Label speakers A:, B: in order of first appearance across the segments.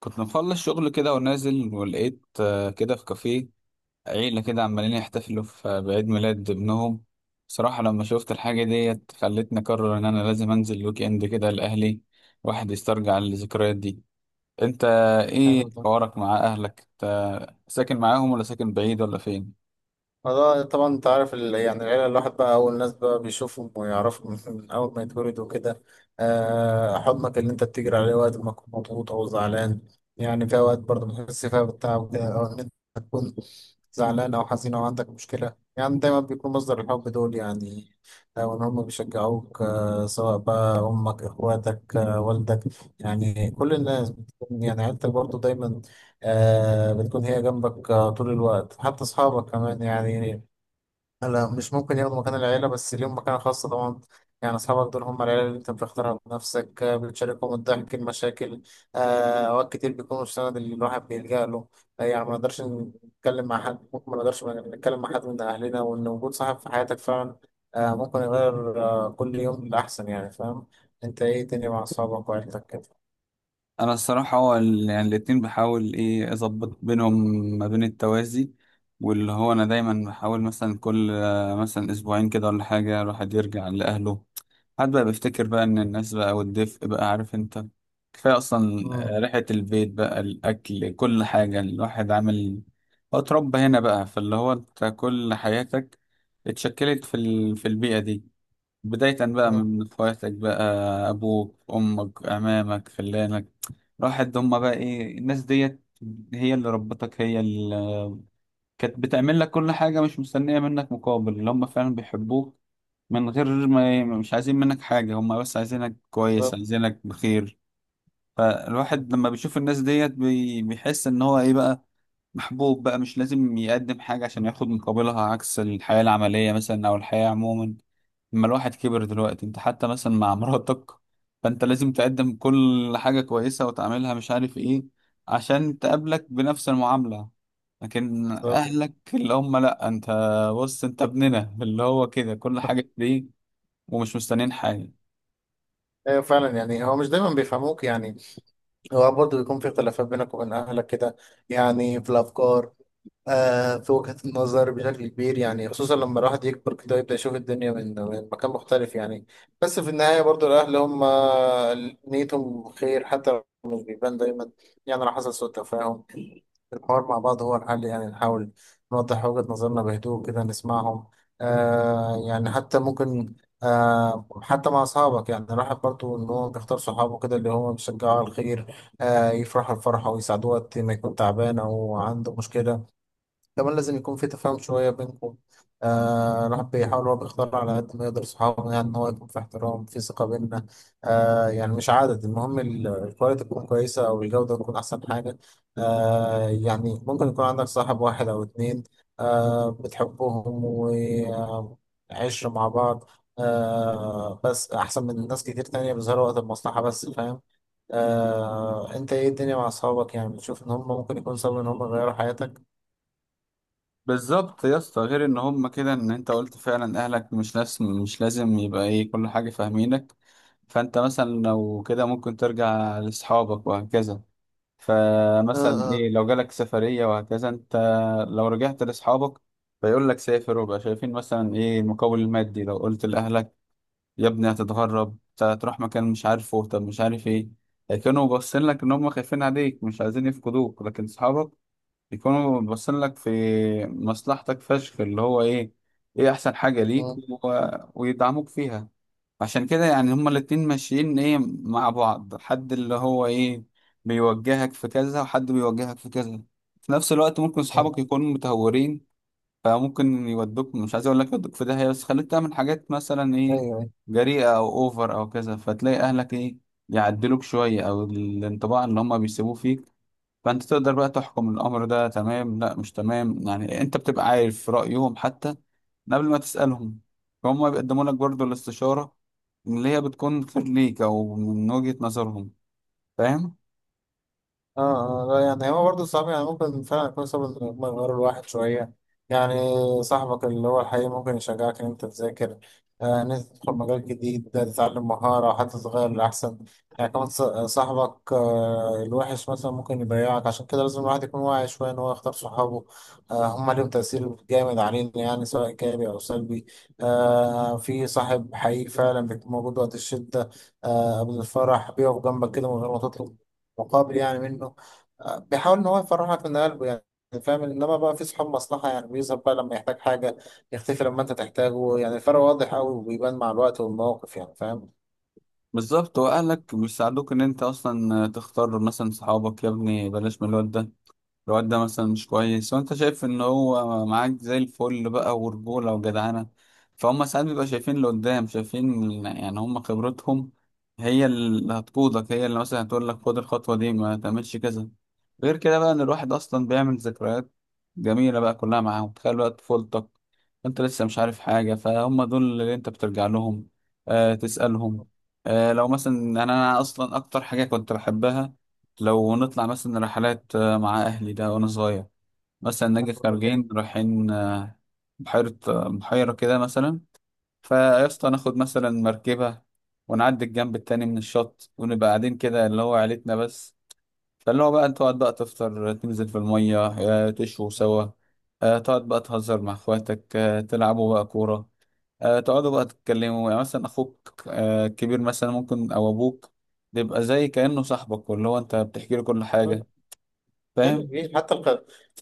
A: كنت مخلص شغل كده ونازل، ولقيت كده في كافيه عيلة كده عمالين يحتفلوا في بعيد ميلاد ابنهم. بصراحة لما شفت الحاجة ديت خلتني أقرر إن أنا لازم أنزل ويك إند كده لأهلي، واحد يسترجع الذكريات دي. أنت،
B: حلو
A: إيه
B: ده.
A: حوارك مع أهلك؟ أنت ساكن معاهم ولا ساكن بعيد ولا فين؟
B: فده طبعا انت عارف يعني العيلة، الواحد بقى أول ناس بقى بيشوفهم ويعرفهم من أول ما يتولدوا كده. حضنك اللي أنت بتجري عليه وقت ما تكون مضغوط أو زعلان. يعني في أوقات برضه بتحس فيها بالتعب كده، أو إن أنت تكون زعلان أو حزين أو عندك مشكلة، يعني دايما بيكون مصدر الحب دول يعني. أو إن هم بيشجعوك، سواء بقى أمك إخواتك، والدك. يعني كل الناس يعني عيلتك برضه دايما بتكون هي جنبك، طول الوقت. حتى أصحابك كمان يعني، لا مش ممكن ياخدوا مكان العيلة، بس ليهم مكانة خاصة طبعا. يعني أصحابك دول هم العيلة اللي أنت بتختارها بنفسك، بتشاركهم الضحك المشاكل. آه، أوقات كتير بيكونوا السند اللي الواحد بيلجأ له. يعني ما نقدرش نتكلم مع حد، ممكن ما نقدرش نتكلم مع حد من أهلنا، وإن وجود صاحب في حياتك فعلا ممكن يغير كل يوم للأحسن. يعني فاهم؟ أنت إيه تاني مع أصحابك وعيلتك كده؟
A: أنا الصراحة هو يعني الاتنين بحاول إيه أظبط بينهم ما بين التوازي. واللي هو أنا دايما بحاول مثلا كل مثلا أسبوعين كده ولا حاجة الواحد يرجع لأهله، حد بقى بيفتكر بقى ان الناس بقى والدفء بقى، عارف انت، كفاية اصلا.
B: مم.
A: ريحة البيت بقى، الاكل، كل حاجة الواحد عامل، هو اتربى هنا بقى. فاللي هو انت كل حياتك اتشكلت في البيئة دي. بداية بقى
B: مم.
A: من اخواتك بقى، ابوك، امك، عمامك، خلانك، راحت هما بقى ايه، الناس ديت هي اللي ربتك، هي اللي كانت بتعمل لك كل حاجة، مش مستنية منك مقابل، اللي هما فعلا بيحبوك من غير ما، مش عايزين منك حاجة، هما بس عايزينك كويس،
B: بالظبط.
A: عايزينك بخير. فالواحد لما بيشوف الناس ديت بيحس ان هو ايه بقى، محبوب بقى، مش لازم يقدم حاجة عشان ياخد مقابلها، عكس الحياة العملية مثلا او الحياة عموما. لما الواحد كبر دلوقتي انت، حتى مثلا مع مراتك، فانت لازم تقدم كل حاجة كويسة وتعملها مش عارف ايه، عشان تقابلك بنفس المعاملة. لكن
B: بالظبط.
A: اهلك اللي هم، لا، انت بص انت ابننا اللي هو كده، كل حاجة ليك، ومش مستنيين حاجة.
B: ايوه فعلا، يعني هو مش دايما بيفهموك يعني. هو برضه بيكون في اختلافات بينك وبين اهلك كده، يعني في الافكار، في وجهة النظر بشكل كبير، يعني خصوصا لما الواحد يكبر كده يبدأ يشوف الدنيا من مكان مختلف يعني. بس في النهاية برضه الاهل هم نيتهم خير حتى لو مش بيبان دايما. يعني لو حصل سوء تفاهم، الحوار مع بعض هو الحل. يعني نحاول نوضح وجهة نظرنا بهدوء كده، نسمعهم. يعني حتى ممكن حتى مع أصحابك، يعني الواحد برضه إن هو بيختار صحابه كده اللي هم بيشجعوا على الخير، يفرحوا الفرحة ويساعدوه وقت ما يكون تعبان أو عنده مشكلة. كمان لازم يكون في تفاهم شوية بينكم. الواحد بيحاول، هو بيختار على قد ما يقدر صحابه، يعني إن هو يكون في احترام، في ثقة بيننا. يعني مش عدد المهم، الكواليتي تكون كويسة أو الجودة تكون أحسن حاجة. يعني ممكن يكون عندك صاحب واحد أو اتنين بتحبهم وعشرة مع بعض، بس أحسن من ناس كتير تانية بيظهروا وقت المصلحة بس. فاهم؟ انت ايه الدنيا مع اصحابك؟ يعني بتشوف ان هم ممكن يكون سبب ان هم يغيروا حياتك؟
A: بالظبط يا اسطى، غير ان هم كده، ان انت قلت فعلا اهلك مش لازم يبقى ايه كل حاجة فاهمينك. فانت مثلا لو كده ممكن ترجع لاصحابك وهكذا. فمثلا
B: اه.
A: ايه لو جالك سفرية وهكذا انت، لو رجعت لاصحابك فيقول لك سافر وبقى، شايفين مثلا ايه المقابل المادي. لو قلت لاهلك يا ابني هتتغرب أنت، هتروح مكان مش عارفه، طب مش عارف ايه، كانوا باصين لك ان هم خايفين عليك، مش عايزين يفقدوك. لكن اصحابك يكونوا باصين لك في مصلحتك فشخ، اللي هو ايه، ايه احسن حاجة ليك
B: مم.
A: ويدعموك فيها. عشان كده يعني هما الاتنين ماشيين ايه مع بعض، حد اللي هو ايه بيوجهك في كذا، وحد بيوجهك في كذا. في نفس الوقت ممكن
B: مم.
A: صحابك يكونوا متهورين، فممكن يودوك، مش عايز اقول لك يودوك في داهية، بس خليك تعمل حاجات مثلا
B: ايوه.
A: ايه،
B: أيوه.
A: جريئة او اوفر او كذا. فتلاقي اهلك ايه، يعدلوك شوية، او الانطباع اللي هما بيسيبوه فيك، فانت تقدر بقى تحكم الامر ده تمام لا مش تمام، يعني انت بتبقى عارف رايهم حتى من قبل ما تسالهم. فهم بيقدموا لك برضو الاستشاره اللي هي بتكون خير ليك، او من وجهه نظرهم. فاهم؟
B: اه. لا، يعني هو برضه صعب. يعني ممكن فعلا يكون سبب إن هما يغيروا الواحد شوية. يعني صاحبك اللي هو الحقيقي ممكن يشجعك إن أنت تذاكر، إن أنت تدخل مجال جديد، تتعلم مهارة حتى تتغير لأحسن. يعني كمان صاحبك الوحش مثلا ممكن يضيعك. عشان كده لازم الواحد يكون واعي شوية إن هو يختار صحابه. هما ليهم تأثير جامد علينا يعني، سواء إيجابي أو سلبي. في صاحب حقيقي فعلا بيكون موجود وقت الشدة، قبل الفرح بيقف جنبك كده من غير ما تطلب مقابل يعني منه. بيحاول ان هو يفرحك من قلبه يعني. فاهم؟ انما بقى في صحاب مصلحه، يعني بيظهر بقى لما يحتاج حاجه، يختفي لما انت تحتاجه. يعني الفرق واضح قوي وبيبان مع الوقت والمواقف يعني. فاهم؟
A: بالظبط، واهلك بيساعدوك ان انت اصلا تختار مثلا صحابك. يا ابني بلاش من الواد ده، الواد ده مثلا مش كويس، وانت شايف ان هو معاك زي الفل بقى، ورجولة وجدعنة. فهم ساعات بيبقى شايفين اللي قدام، شايفين يعني هم، خبرتهم هي اللي هتقودك، هي اللي مثلا هتقول لك خد الخطوة دي، ما تعملش كذا. غير كده بقى ان الواحد اصلا بيعمل ذكريات جميلة بقى كلها معاهم. تخيل بقى طفولتك، انت لسه مش عارف حاجة، فهم دول اللي انت بترجع لهم، تسألهم. لو مثلا أنا اصلا اكتر حاجة كنت بحبها، لو نطلع مثلا رحلات مع أهلي ده وأنا صغير. مثلا نجي خارجين رايحين بحيرة كده مثلا، فيا اسطى ناخد مثلا مركبة، ونعدي الجنب التاني من الشط، ونبقى قاعدين كده اللي هو عيلتنا بس. فاللي هو بقى تقعد بقى تفطر، تنزل في المية تشوي سوا، تقعد بقى تهزر مع اخواتك، تلعبوا بقى كورة، تقعدوا بقى تتكلموا. يعني مثلا أخوك الكبير مثلا، ممكن، أو أبوك بيبقى زي كأنه صاحبك، واللي هو أنت بتحكي له كل
B: بس
A: حاجة.
B: حلو.
A: فاهم؟
B: إيه، حتى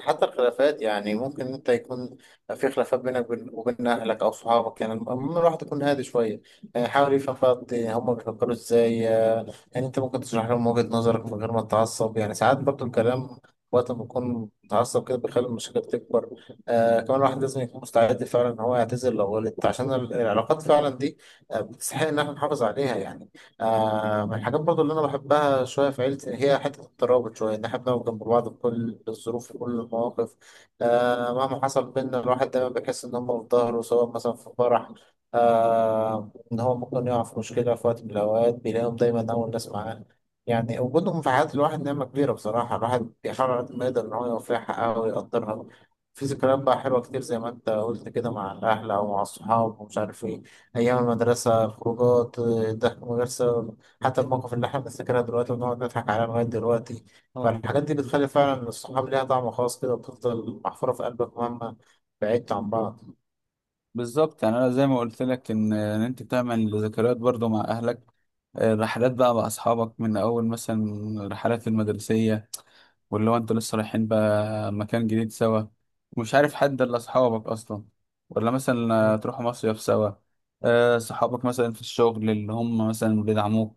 B: حتى الخلافات، يعني ممكن انت يكون في خلافات بينك وبين اهلك او صحابك، يعني المهم الواحد يكون هادي شويه. يعني حاول يفهم بقى هم بيفكروا ازاي. يعني انت ممكن تشرح لهم وجهه نظرك من غير ما تتعصب. يعني ساعات برضو الكلام وقت ما بكون متعصب كده بيخلي المشاكل تكبر. كمان الواحد لازم يكون مستعد فعلا ان هو يعتذر لو غلط، عشان العلاقات فعلا دي بتستحق ان احنا نحافظ عليها يعني. من الحاجات برضو اللي أنا بحبها شوية في عيلتي هي حتة الترابط شوية، إن إحنا بنقف جنب بعض في كل الظروف وكل المواقف. مهما حصل بينا، الواحد دايما بيحس إن هم في ظهره، سواء مثلا في فرح. إن هو ممكن يقع في مشكلة في وقت من الأوقات، بيلاقيهم دايما أول ناس معاه. يعني وجودهم في حياة الواحد نعمة كبيرة بصراحة. الواحد بيحاول على قد ما يقدر إن هو يوفيها حقها ويقدرها. في ذكريات بقى حلوة كتير زي ما أنت قلت كده مع الأهل أو مع الصحاب ومش عارف إيه. أيام المدرسة، الخروجات، الضحك، المدرسة، حتى المواقف اللي إحنا بنفتكرها دلوقتي ونقعد نضحك عليها لغاية دلوقتي.
A: اه،
B: فالحاجات دي بتخلي فعلا الصحاب ليها طعم خاص كده، وبتفضل محفورة في قلبك مهما بعدت عن بعض.
A: بالظبط يعني انا زي ما قلت لك ان انت تعمل ذكريات برضو مع اهلك، رحلات بقى مع اصحابك، من اول مثلا الرحلات المدرسيه، واللي هو انتوا لسه رايحين بقى مكان جديد سوا، ومش عارف حد الا اصحابك اصلا، ولا مثلا تروحوا مصيف سوا. صحابك مثلا في الشغل اللي هم مثلا بيدعموك،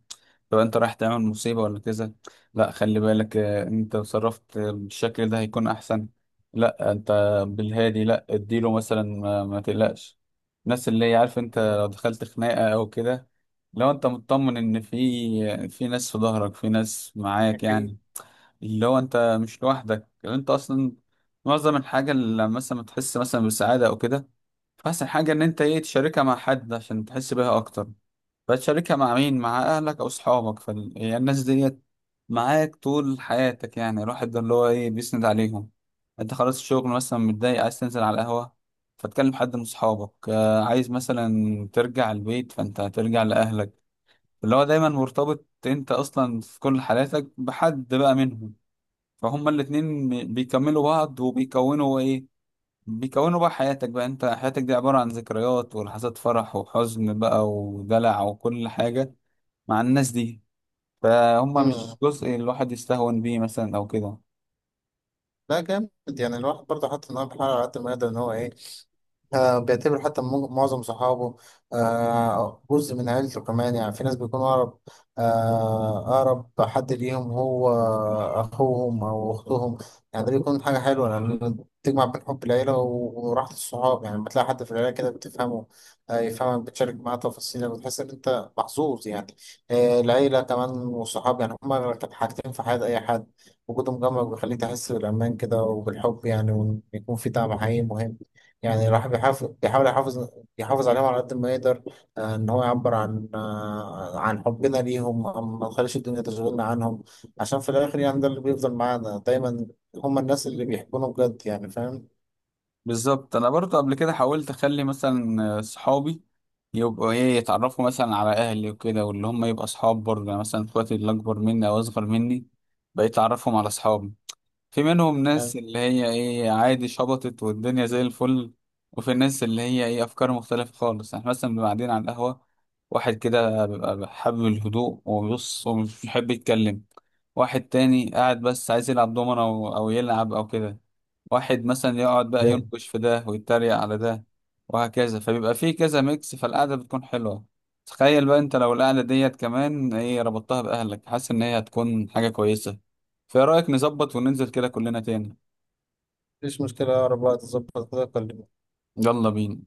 A: لو انت رايح تعمل مصيبة ولا كذا، لا خلي بالك انت تصرفت بالشكل ده هيكون احسن. لا انت بالهادي، لا اديله مثلا ما تقلقش الناس، اللي هي عارف انت لو دخلت خناقة او كده، لو انت مطمن ان في ناس في ظهرك، في ناس معاك يعني،
B: أكيد.
A: اللي هو انت مش لوحدك. يعني انت اصلا معظم الحاجه اللي لما مثلا تحس مثلا بسعاده او كده، فاحسن حاجه ان انت ايه تشاركها مع حد عشان تحس بيها اكتر. فتشاركها مع مين؟ مع اهلك او صحابك، فالناس ديت معاك طول حياتك يعني، الواحد ده اللي هو ايه بيسند عليهم. انت خلاص الشغل مثلا متضايق، عايز تنزل على القهوه، فتكلم حد من صحابك، عايز مثلا ترجع البيت فانت هترجع لاهلك، اللي هو دايما مرتبط انت اصلا في كل حالاتك بحد بقى منهم. فهم الاتنين بيكملوا بعض وبيكونوا ايه، بيكونوا بقى حياتك بقى، انت حياتك دي عبارة عن ذكريات ولحظات فرح وحزن بقى ودلع وكل حاجة مع الناس دي. فهم مش
B: مم.
A: جزء الواحد يستهون بيه مثلا او كده.
B: لا، جامد. يعني الواحد برضه حاطط إن هو بيحاول على قد ما يقدر إن هو إيه، بيعتبر حتى معظم صحابه جزء من عيلته كمان. يعني في ناس بيكون أقرب، أقرب حد ليهم هو أخوهم أو أختهم. يعني ده بيكون حاجة حلوة لأن تجمع بين حب العيلة وراحة الصحاب. يعني لما تلاقي حد في العيلة كده بتفهمه، يفهمك، بتشارك معاه تفاصيلك، بتحس إن أنت محظوظ يعني. العيلة كمان والصحاب يعني هما كانت حاجتين في حياة أي حد. وجودهم جنبك بيخليك تحس بالأمان كده وبالحب يعني، وإن يكون في دعم حقيقي مهم. يعني الواحد بيحاول يحافظ عليهم على قد ما يقدر، ان هو يعبر عن عن حبنا ليهم، ما نخليش الدنيا تشغلنا عنهم، عشان في الاخر يعني ده اللي بيفضل معانا دايما. هم الناس اللي بيحبونا بجد يعني. فاهم؟
A: بالظبط انا برضه قبل كده حاولت اخلي مثلا صحابي يبقوا ايه، يتعرفوا مثلا على اهلي وكده، واللي هم يبقى اصحاب برضه، يعني مثلا اخواتي اللي اكبر مني او اصغر مني، بقيت اعرفهم على اصحابي. في منهم ناس اللي هي ايه عادي، شبطت والدنيا زي الفل، وفي الناس اللي هي ايه افكار مختلفة خالص. احنا مثلا بنبقى قاعدين على القهوة، واحد كده بيبقى حابب الهدوء وبيبص ومش بيحب يتكلم، واحد تاني قاعد بس عايز يلعب دومنة او يلعب او كده، واحد مثلا يقعد بقى
B: يعني
A: ينقش في ده ويتريق على ده، وهكذا. فبيبقى فيه كذا ميكس، فالقعدة بتكون حلوة. تخيل بقى انت لو القعدة ديت كمان ايه ربطتها بأهلك، حاسس ان هي هتكون حاجة كويسة. فايه رأيك نظبط وننزل كده كلنا تاني؟
B: مفيش مشكلة، أقرب وقت تظبط كده كلمني.
A: يلا بينا.